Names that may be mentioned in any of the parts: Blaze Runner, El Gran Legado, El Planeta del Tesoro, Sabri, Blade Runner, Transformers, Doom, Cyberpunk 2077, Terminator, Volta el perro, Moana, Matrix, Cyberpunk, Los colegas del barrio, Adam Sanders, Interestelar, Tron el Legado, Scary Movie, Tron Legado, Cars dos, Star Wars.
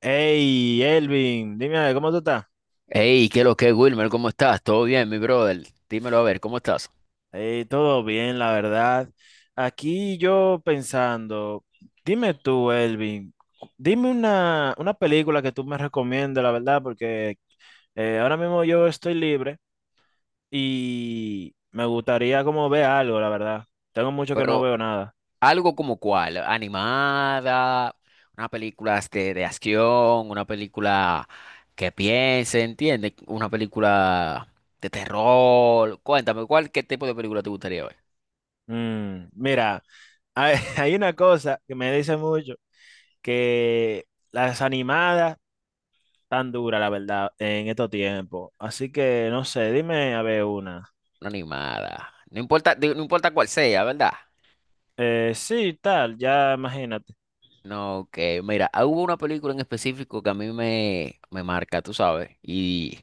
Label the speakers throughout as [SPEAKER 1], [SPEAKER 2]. [SPEAKER 1] Hey, Elvin, dime, ¿cómo tú estás?
[SPEAKER 2] Hey, ¿qué lo que, Wilmer? ¿Cómo estás? ¿Todo bien, mi brother? Dímelo a ver, ¿cómo estás?
[SPEAKER 1] Todo bien, la verdad. Aquí yo pensando, dime tú, Elvin, dime una película que tú me recomiendes, la verdad, porque ahora mismo yo estoy libre y me gustaría como ver algo, la verdad. Tengo mucho que no
[SPEAKER 2] Pero
[SPEAKER 1] veo nada.
[SPEAKER 2] algo como cuál, animada, una película de acción, una película que piense, ¿entiendes? Una película de terror. Cuéntame, ¿qué tipo de película te gustaría ver?
[SPEAKER 1] Mm, mira, hay una cosa que me dice mucho, que las animadas tan dura, la verdad, en estos tiempos. Así que, no sé, dime a ver una.
[SPEAKER 2] Una animada. No importa, digo, no importa cuál sea, ¿verdad?
[SPEAKER 1] Sí, tal, ya imagínate.
[SPEAKER 2] No, que mira, ah, hubo una película en específico que a me marca, tú sabes, y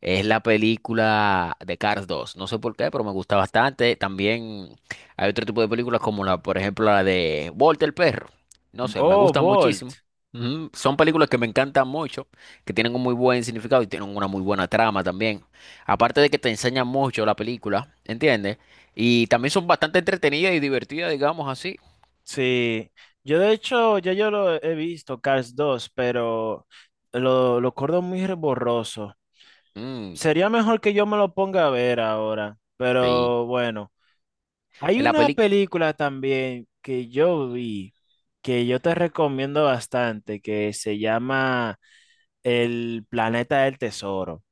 [SPEAKER 2] es la película de Cars dos. No sé por qué, pero me gusta bastante. También hay otro tipo de películas como por ejemplo, la de Volta el perro. No sé, me
[SPEAKER 1] Oh,
[SPEAKER 2] gustan muchísimo.
[SPEAKER 1] Bolt.
[SPEAKER 2] Ujú. Son películas que me encantan mucho, que tienen un muy buen significado y tienen una muy buena trama también. Aparte de que te enseñan mucho la película, ¿entiendes? Y también son bastante entretenidas y divertidas, digamos así.
[SPEAKER 1] Sí. Yo de hecho, ya yo lo he visto, Cars 2, pero lo acuerdo muy borroso.
[SPEAKER 2] Mm,
[SPEAKER 1] Sería mejor que yo me lo ponga a ver ahora,
[SPEAKER 2] sí.
[SPEAKER 1] pero bueno. Hay
[SPEAKER 2] La
[SPEAKER 1] una
[SPEAKER 2] película.
[SPEAKER 1] película también que yo vi, que yo te recomiendo bastante, que se llama El Planeta del Tesoro.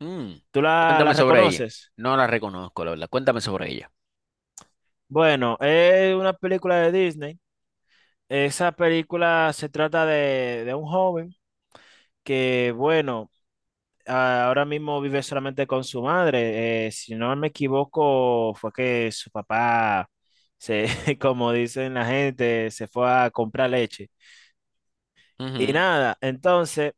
[SPEAKER 2] Mm.
[SPEAKER 1] ¿Tú la
[SPEAKER 2] Cuéntame sobre ella.
[SPEAKER 1] reconoces?
[SPEAKER 2] No la reconozco, la verdad. Cuéntame sobre ella.
[SPEAKER 1] Bueno, es una película de Disney. Esa película se trata de un joven que, bueno, ahora mismo vive solamente con su madre. Si no me equivoco, fue que su papá, se, como dicen la gente, se fue a comprar leche. Y
[SPEAKER 2] Ujú.
[SPEAKER 1] nada, entonces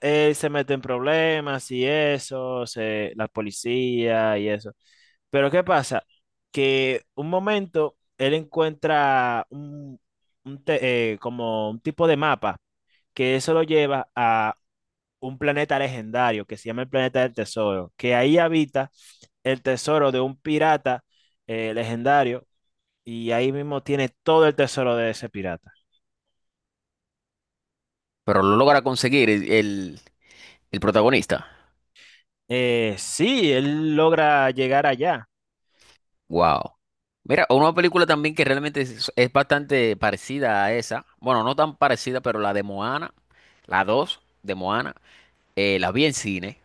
[SPEAKER 1] él se mete en problemas y eso, se, la policía y eso. Pero ¿qué pasa? Que un momento él encuentra un, como un tipo de mapa que eso lo lleva a un planeta legendario que se llama el planeta del tesoro, que ahí habita el tesoro de un pirata legendario y ahí mismo tiene todo el tesoro de ese pirata.
[SPEAKER 2] Pero lo logra conseguir el protagonista.
[SPEAKER 1] Sí, él logra llegar allá.
[SPEAKER 2] Wow. Mira, una película también que realmente es bastante parecida a esa. Bueno, no tan parecida, pero la de Moana, la 2 de Moana, la vi en cine,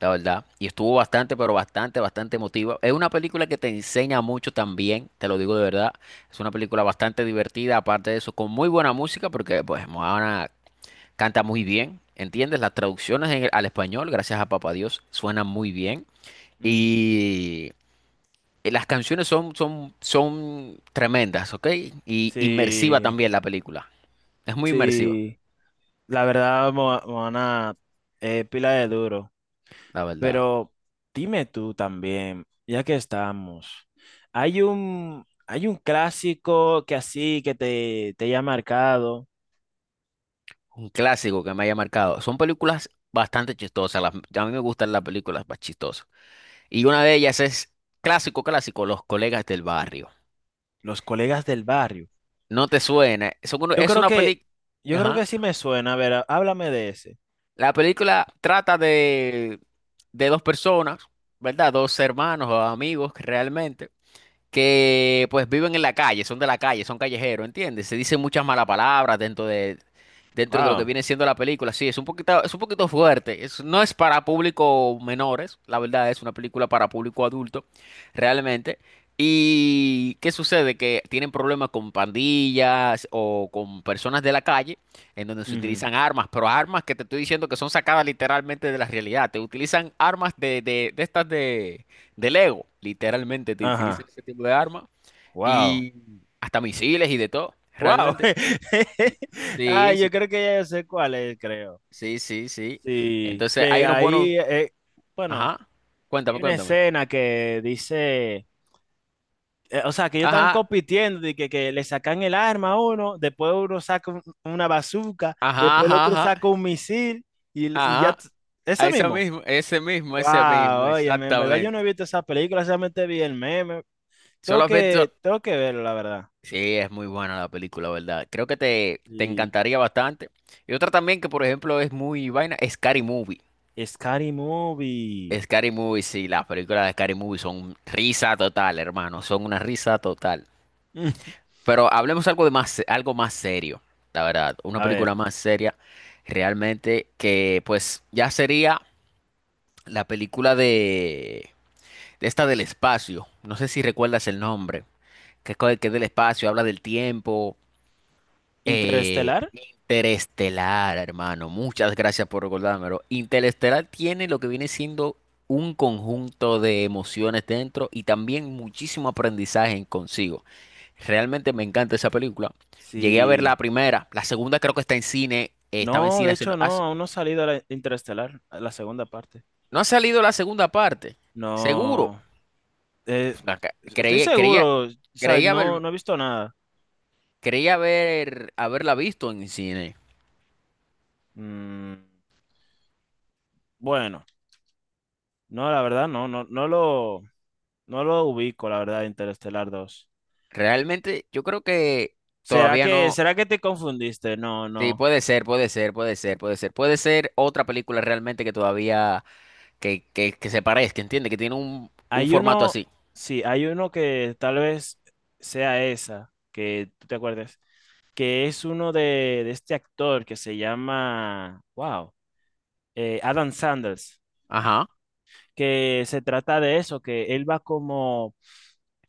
[SPEAKER 2] la verdad. Y estuvo bastante, pero bastante, bastante emotiva. Es una película que te enseña mucho también, te lo digo de verdad. Es una película bastante divertida, aparte de eso, con muy buena música, porque pues Moana canta muy bien, ¿entiendes? Las traducciones al español, gracias a Papá Dios, suenan muy bien.
[SPEAKER 1] Mm.
[SPEAKER 2] Y las canciones son tremendas, ¿ok? Y inmersiva
[SPEAKER 1] Sí.
[SPEAKER 2] también la película. Es muy inmersiva,
[SPEAKER 1] Sí, la verdad, Moana es pila de duro.
[SPEAKER 2] la verdad.
[SPEAKER 1] Pero dime tú también, ya que estamos, hay un clásico que así que te haya marcado,
[SPEAKER 2] Un clásico que me haya marcado. Son películas bastante chistosas. A mí me gustan las películas más chistosas. Y una de ellas es clásico, clásico, Los Colegas del Barrio.
[SPEAKER 1] Los colegas del barrio.
[SPEAKER 2] No te suena.
[SPEAKER 1] Yo
[SPEAKER 2] Es
[SPEAKER 1] creo
[SPEAKER 2] una
[SPEAKER 1] que,
[SPEAKER 2] película...
[SPEAKER 1] yo creo que sí me suena. A ver, háblame de ese.
[SPEAKER 2] La película trata de dos personas, ¿verdad? Dos hermanos o amigos que realmente que pues viven en la calle, son de la calle, son callejeros, ¿entiendes? Se dicen muchas malas palabras dentro de lo que
[SPEAKER 1] Wow.
[SPEAKER 2] viene siendo la película. Sí, es un poquito fuerte. No es para público menores, la verdad es una película para público adulto, realmente. ¿Y qué sucede? Que tienen problemas con pandillas o con personas de la calle, en donde se
[SPEAKER 1] Ujú.
[SPEAKER 2] utilizan armas, pero armas que te estoy diciendo que son sacadas literalmente de la realidad. Te utilizan armas de estas de Lego, literalmente te utilizan
[SPEAKER 1] Ajá.
[SPEAKER 2] ese tipo de arma
[SPEAKER 1] Wow.
[SPEAKER 2] y hasta misiles y de todo,
[SPEAKER 1] Wow.
[SPEAKER 2] realmente.
[SPEAKER 1] Ah,
[SPEAKER 2] Sí,
[SPEAKER 1] yo
[SPEAKER 2] sí,
[SPEAKER 1] creo que ya yo sé cuál es, creo.
[SPEAKER 2] sí, sí, sí.
[SPEAKER 1] Sí,
[SPEAKER 2] Entonces hay
[SPEAKER 1] que
[SPEAKER 2] unos buenos,
[SPEAKER 1] ahí, bueno.
[SPEAKER 2] ajá, cuéntame,
[SPEAKER 1] Hay una
[SPEAKER 2] cuéntame.
[SPEAKER 1] escena que dice, o sea, que ellos están
[SPEAKER 2] Ajá,
[SPEAKER 1] compitiendo, de que le sacan el arma a uno, después uno saca una bazooka,
[SPEAKER 2] ajá,
[SPEAKER 1] después el
[SPEAKER 2] ajá,
[SPEAKER 1] otro
[SPEAKER 2] ajá,
[SPEAKER 1] saca un misil y, l- y ya,
[SPEAKER 2] ajá,
[SPEAKER 1] t-
[SPEAKER 2] a
[SPEAKER 1] ese
[SPEAKER 2] ese
[SPEAKER 1] mismo.
[SPEAKER 2] mismo, ese mismo, ese mismo,
[SPEAKER 1] Wow, oye, en verdad yo no
[SPEAKER 2] exactamente.
[SPEAKER 1] he visto esa película, solamente vi el meme.
[SPEAKER 2] Solo has visto...
[SPEAKER 1] Tengo que verlo, la verdad.
[SPEAKER 2] Sí, es muy buena la película, ¿verdad? Creo que te
[SPEAKER 1] Y
[SPEAKER 2] encantaría bastante. Y otra también que, por ejemplo, es muy vaina, es Scary Movie.
[SPEAKER 1] Scary Movie.
[SPEAKER 2] Scary Movie, sí, las películas de Scary Movie son risa total, hermano, son una risa total. Pero hablemos algo de más, algo más serio, la verdad, una
[SPEAKER 1] A
[SPEAKER 2] película
[SPEAKER 1] ver,
[SPEAKER 2] más seria, realmente, que pues ya sería la película de esta del espacio, no sé si recuerdas el nombre, que que es del espacio, habla del tiempo.
[SPEAKER 1] ¿Interestelar?
[SPEAKER 2] Interestelar, hermano. Muchas gracias por recordármelo. Interestelar tiene lo que viene siendo un conjunto de emociones dentro y también muchísimo aprendizaje en consigo. Realmente me encanta esa película. Llegué a ver la
[SPEAKER 1] Sí.
[SPEAKER 2] primera, la segunda creo que está en cine, estaba en
[SPEAKER 1] No,
[SPEAKER 2] cine.
[SPEAKER 1] de hecho no, aún no ha salido la Interestelar, la segunda parte.
[SPEAKER 2] No ha salido la segunda parte, seguro.
[SPEAKER 1] No. Eh,
[SPEAKER 2] Acá-
[SPEAKER 1] Estoy
[SPEAKER 2] Creí, creía,
[SPEAKER 1] seguro, o sea,
[SPEAKER 2] creía
[SPEAKER 1] no,
[SPEAKER 2] haber,
[SPEAKER 1] no he visto nada.
[SPEAKER 2] creía haberla visto en cine.
[SPEAKER 1] Mm, bueno, no, la verdad, no lo ubico, la verdad, Interestelar dos.
[SPEAKER 2] Realmente yo creo que todavía no.
[SPEAKER 1] Será que te confundiste? No,
[SPEAKER 2] Sí,
[SPEAKER 1] no.
[SPEAKER 2] puede ser, puede ser, puede ser, puede ser. Puede ser otra película realmente que todavía, que se parezca, entiende, que tiene un
[SPEAKER 1] Hay
[SPEAKER 2] formato
[SPEAKER 1] uno,
[SPEAKER 2] así.
[SPEAKER 1] sí, hay uno que tal vez sea esa, que tú te acuerdes, que es uno de este actor que se llama, wow, Adam Sanders,
[SPEAKER 2] Ajá.
[SPEAKER 1] que se trata de eso, que él va como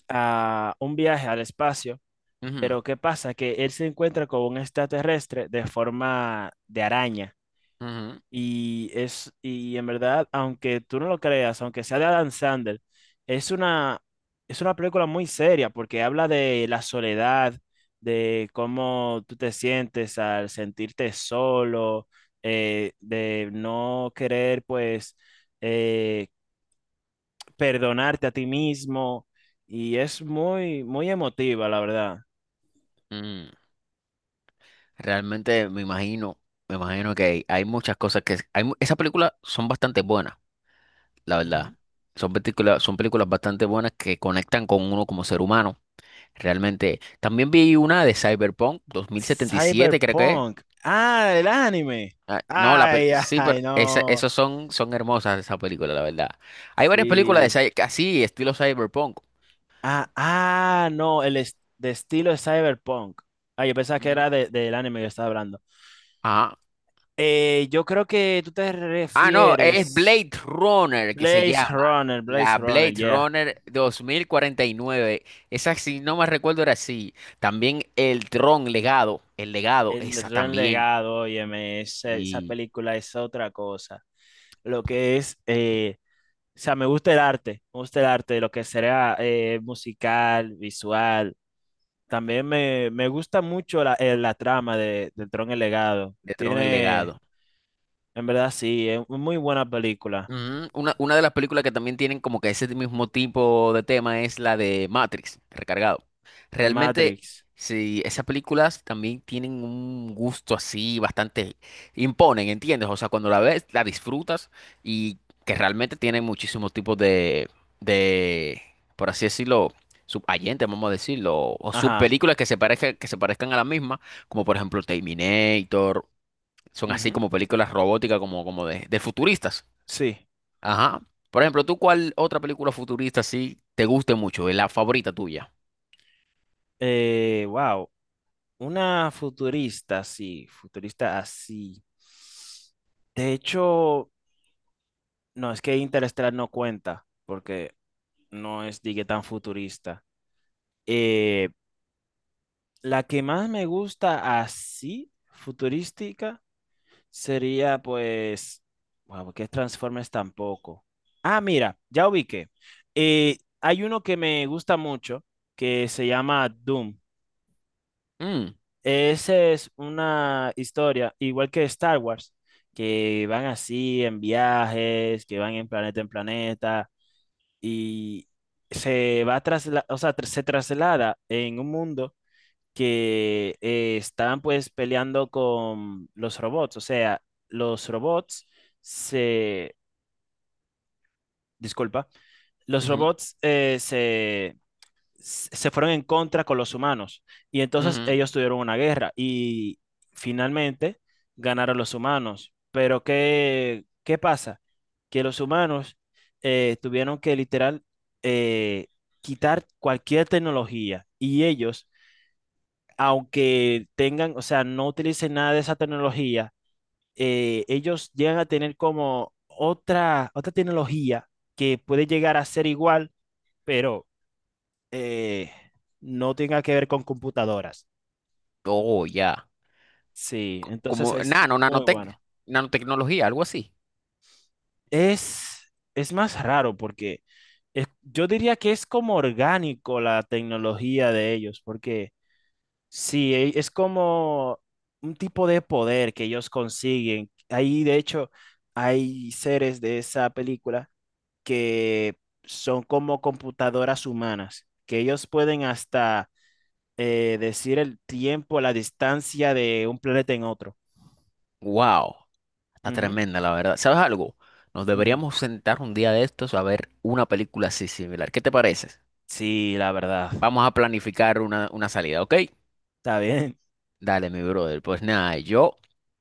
[SPEAKER 1] a un viaje al espacio.
[SPEAKER 2] Ujú,
[SPEAKER 1] Pero ¿qué pasa? Que él se encuentra con un extraterrestre de forma de araña.
[SPEAKER 2] ujú,
[SPEAKER 1] Y es, y en verdad, aunque tú no lo creas, aunque sea de Adam Sandler, es una, es una película muy seria porque habla de la soledad, de cómo tú te sientes al sentirte solo, de no querer, pues, eh, perdonarte a ti mismo. Y es muy, muy emotiva, la verdad.
[SPEAKER 2] mm. Realmente me imagino, Me imagino que hay muchas cosas que... Hay, esas películas son bastante buenas, la verdad. Son películas bastante buenas que conectan con uno como ser humano. Realmente. También vi una de Cyberpunk 2077, creo que es.
[SPEAKER 1] Cyberpunk. Ah, el anime.
[SPEAKER 2] Ah, no,
[SPEAKER 1] Ay,
[SPEAKER 2] sí,
[SPEAKER 1] ay,
[SPEAKER 2] pero
[SPEAKER 1] no.
[SPEAKER 2] esos son, son hermosas esa película, la verdad. Hay varias películas de
[SPEAKER 1] Sí.
[SPEAKER 2] así, estilo cyberpunk.
[SPEAKER 1] Ah, ah, no, el de estilo es Cyberpunk. Ah, yo pensaba que
[SPEAKER 2] Mm,
[SPEAKER 1] era del anime que estaba hablando.
[SPEAKER 2] ajá.
[SPEAKER 1] Yo creo que tú te
[SPEAKER 2] Ah, no, es
[SPEAKER 1] refieres.
[SPEAKER 2] Blade Runner que se
[SPEAKER 1] Blaze
[SPEAKER 2] llama.
[SPEAKER 1] Runner,
[SPEAKER 2] La
[SPEAKER 1] Blaze Runner,
[SPEAKER 2] Blade
[SPEAKER 1] yeah.
[SPEAKER 2] Runner 2049. Esa, si no me recuerdo, era así. También el Tron Legado. El Legado,
[SPEAKER 1] El
[SPEAKER 2] esa
[SPEAKER 1] Gran
[SPEAKER 2] también.
[SPEAKER 1] Legado, óyeme, esa
[SPEAKER 2] Y
[SPEAKER 1] película es otra cosa. Lo que es, o sea, me gusta el arte, me gusta el arte, lo que será musical, visual. También me gusta mucho la, la trama de Tron el Legado.
[SPEAKER 2] de Tron el
[SPEAKER 1] Tiene,
[SPEAKER 2] Legado.
[SPEAKER 1] en verdad sí, es muy buena película.
[SPEAKER 2] Mm, una de las películas que también tienen como que ese mismo tipo de tema es la de Matrix, recargado. Realmente,
[SPEAKER 1] Matrix.
[SPEAKER 2] sí, esas películas también tienen un gusto así bastante, imponen, ¿entiendes? O sea, cuando la ves, la disfrutas y que realmente tienen muchísimos tipos de, por así decirlo, subayentes, vamos a decirlo, o
[SPEAKER 1] Ajá.
[SPEAKER 2] subpelículas que se parezcan a la misma, como por ejemplo Terminator, son así
[SPEAKER 1] Ujú.
[SPEAKER 2] como películas robóticas, como, de futuristas.
[SPEAKER 1] Sí.
[SPEAKER 2] Ajá. Por ejemplo, ¿tú cuál otra película futurista sí te guste mucho? Es la favorita tuya.
[SPEAKER 1] Wow. Una futurista, sí. Futurista así. De hecho, no, es que Interestelar no cuenta, porque no es, digue, tan futurista. Eh, la que más me gusta así, futurística, sería pues, wow, ¿qué Transformers tampoco? Ah, mira, ya ubiqué. Hay uno que me gusta mucho que se llama Doom.
[SPEAKER 2] Mm,
[SPEAKER 1] Esa es una historia, igual que Star Wars, que van así en viajes, que van en planeta y se va tras, o sea, se traslada en un mundo que estaban pues peleando con los robots, o sea, los robots se, disculpa, los
[SPEAKER 2] ujú,
[SPEAKER 1] robots se, se fueron en contra con los humanos y entonces
[SPEAKER 2] ujú.
[SPEAKER 1] ellos tuvieron una guerra y finalmente ganaron los humanos. Pero ¿qué, qué pasa? Que los humanos tuvieron que literal eh, quitar cualquier tecnología y ellos aunque tengan, o sea, no utilicen nada de esa tecnología, ellos llegan a tener como otra, otra tecnología que puede llegar a ser igual, pero eh, no tenga que ver con computadoras.
[SPEAKER 2] Oh, ya.
[SPEAKER 1] Sí,
[SPEAKER 2] Como
[SPEAKER 1] entonces es
[SPEAKER 2] nano,
[SPEAKER 1] muy
[SPEAKER 2] nanotec,
[SPEAKER 1] bueno.
[SPEAKER 2] nanotecnología, algo así.
[SPEAKER 1] Es, es más raro porque yo diría que es como orgánico la tecnología de ellos, porque sí, es como un tipo de poder que ellos consiguen. Ahí, de hecho, hay seres de esa película que son como computadoras humanas, que ellos pueden hasta decir el tiempo, la distancia de un planeta en otro.
[SPEAKER 2] Wow. Está
[SPEAKER 1] Ujú,
[SPEAKER 2] tremenda, la verdad. ¿Sabes algo? Nos
[SPEAKER 1] ujú.
[SPEAKER 2] deberíamos sentar un día de estos a ver una película así similar. ¿Qué te parece?
[SPEAKER 1] Sí, la verdad.
[SPEAKER 2] Vamos a planificar una salida, ¿ok?
[SPEAKER 1] Está bien.
[SPEAKER 2] Dale, mi brother. Pues nada, yo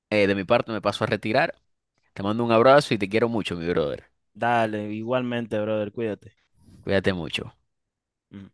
[SPEAKER 2] de mi parte me paso a retirar. Te mando un abrazo y te quiero mucho, mi brother.
[SPEAKER 1] Dale, igualmente, brother, cuídate.
[SPEAKER 2] Cuídate mucho.
[SPEAKER 1] Ujú.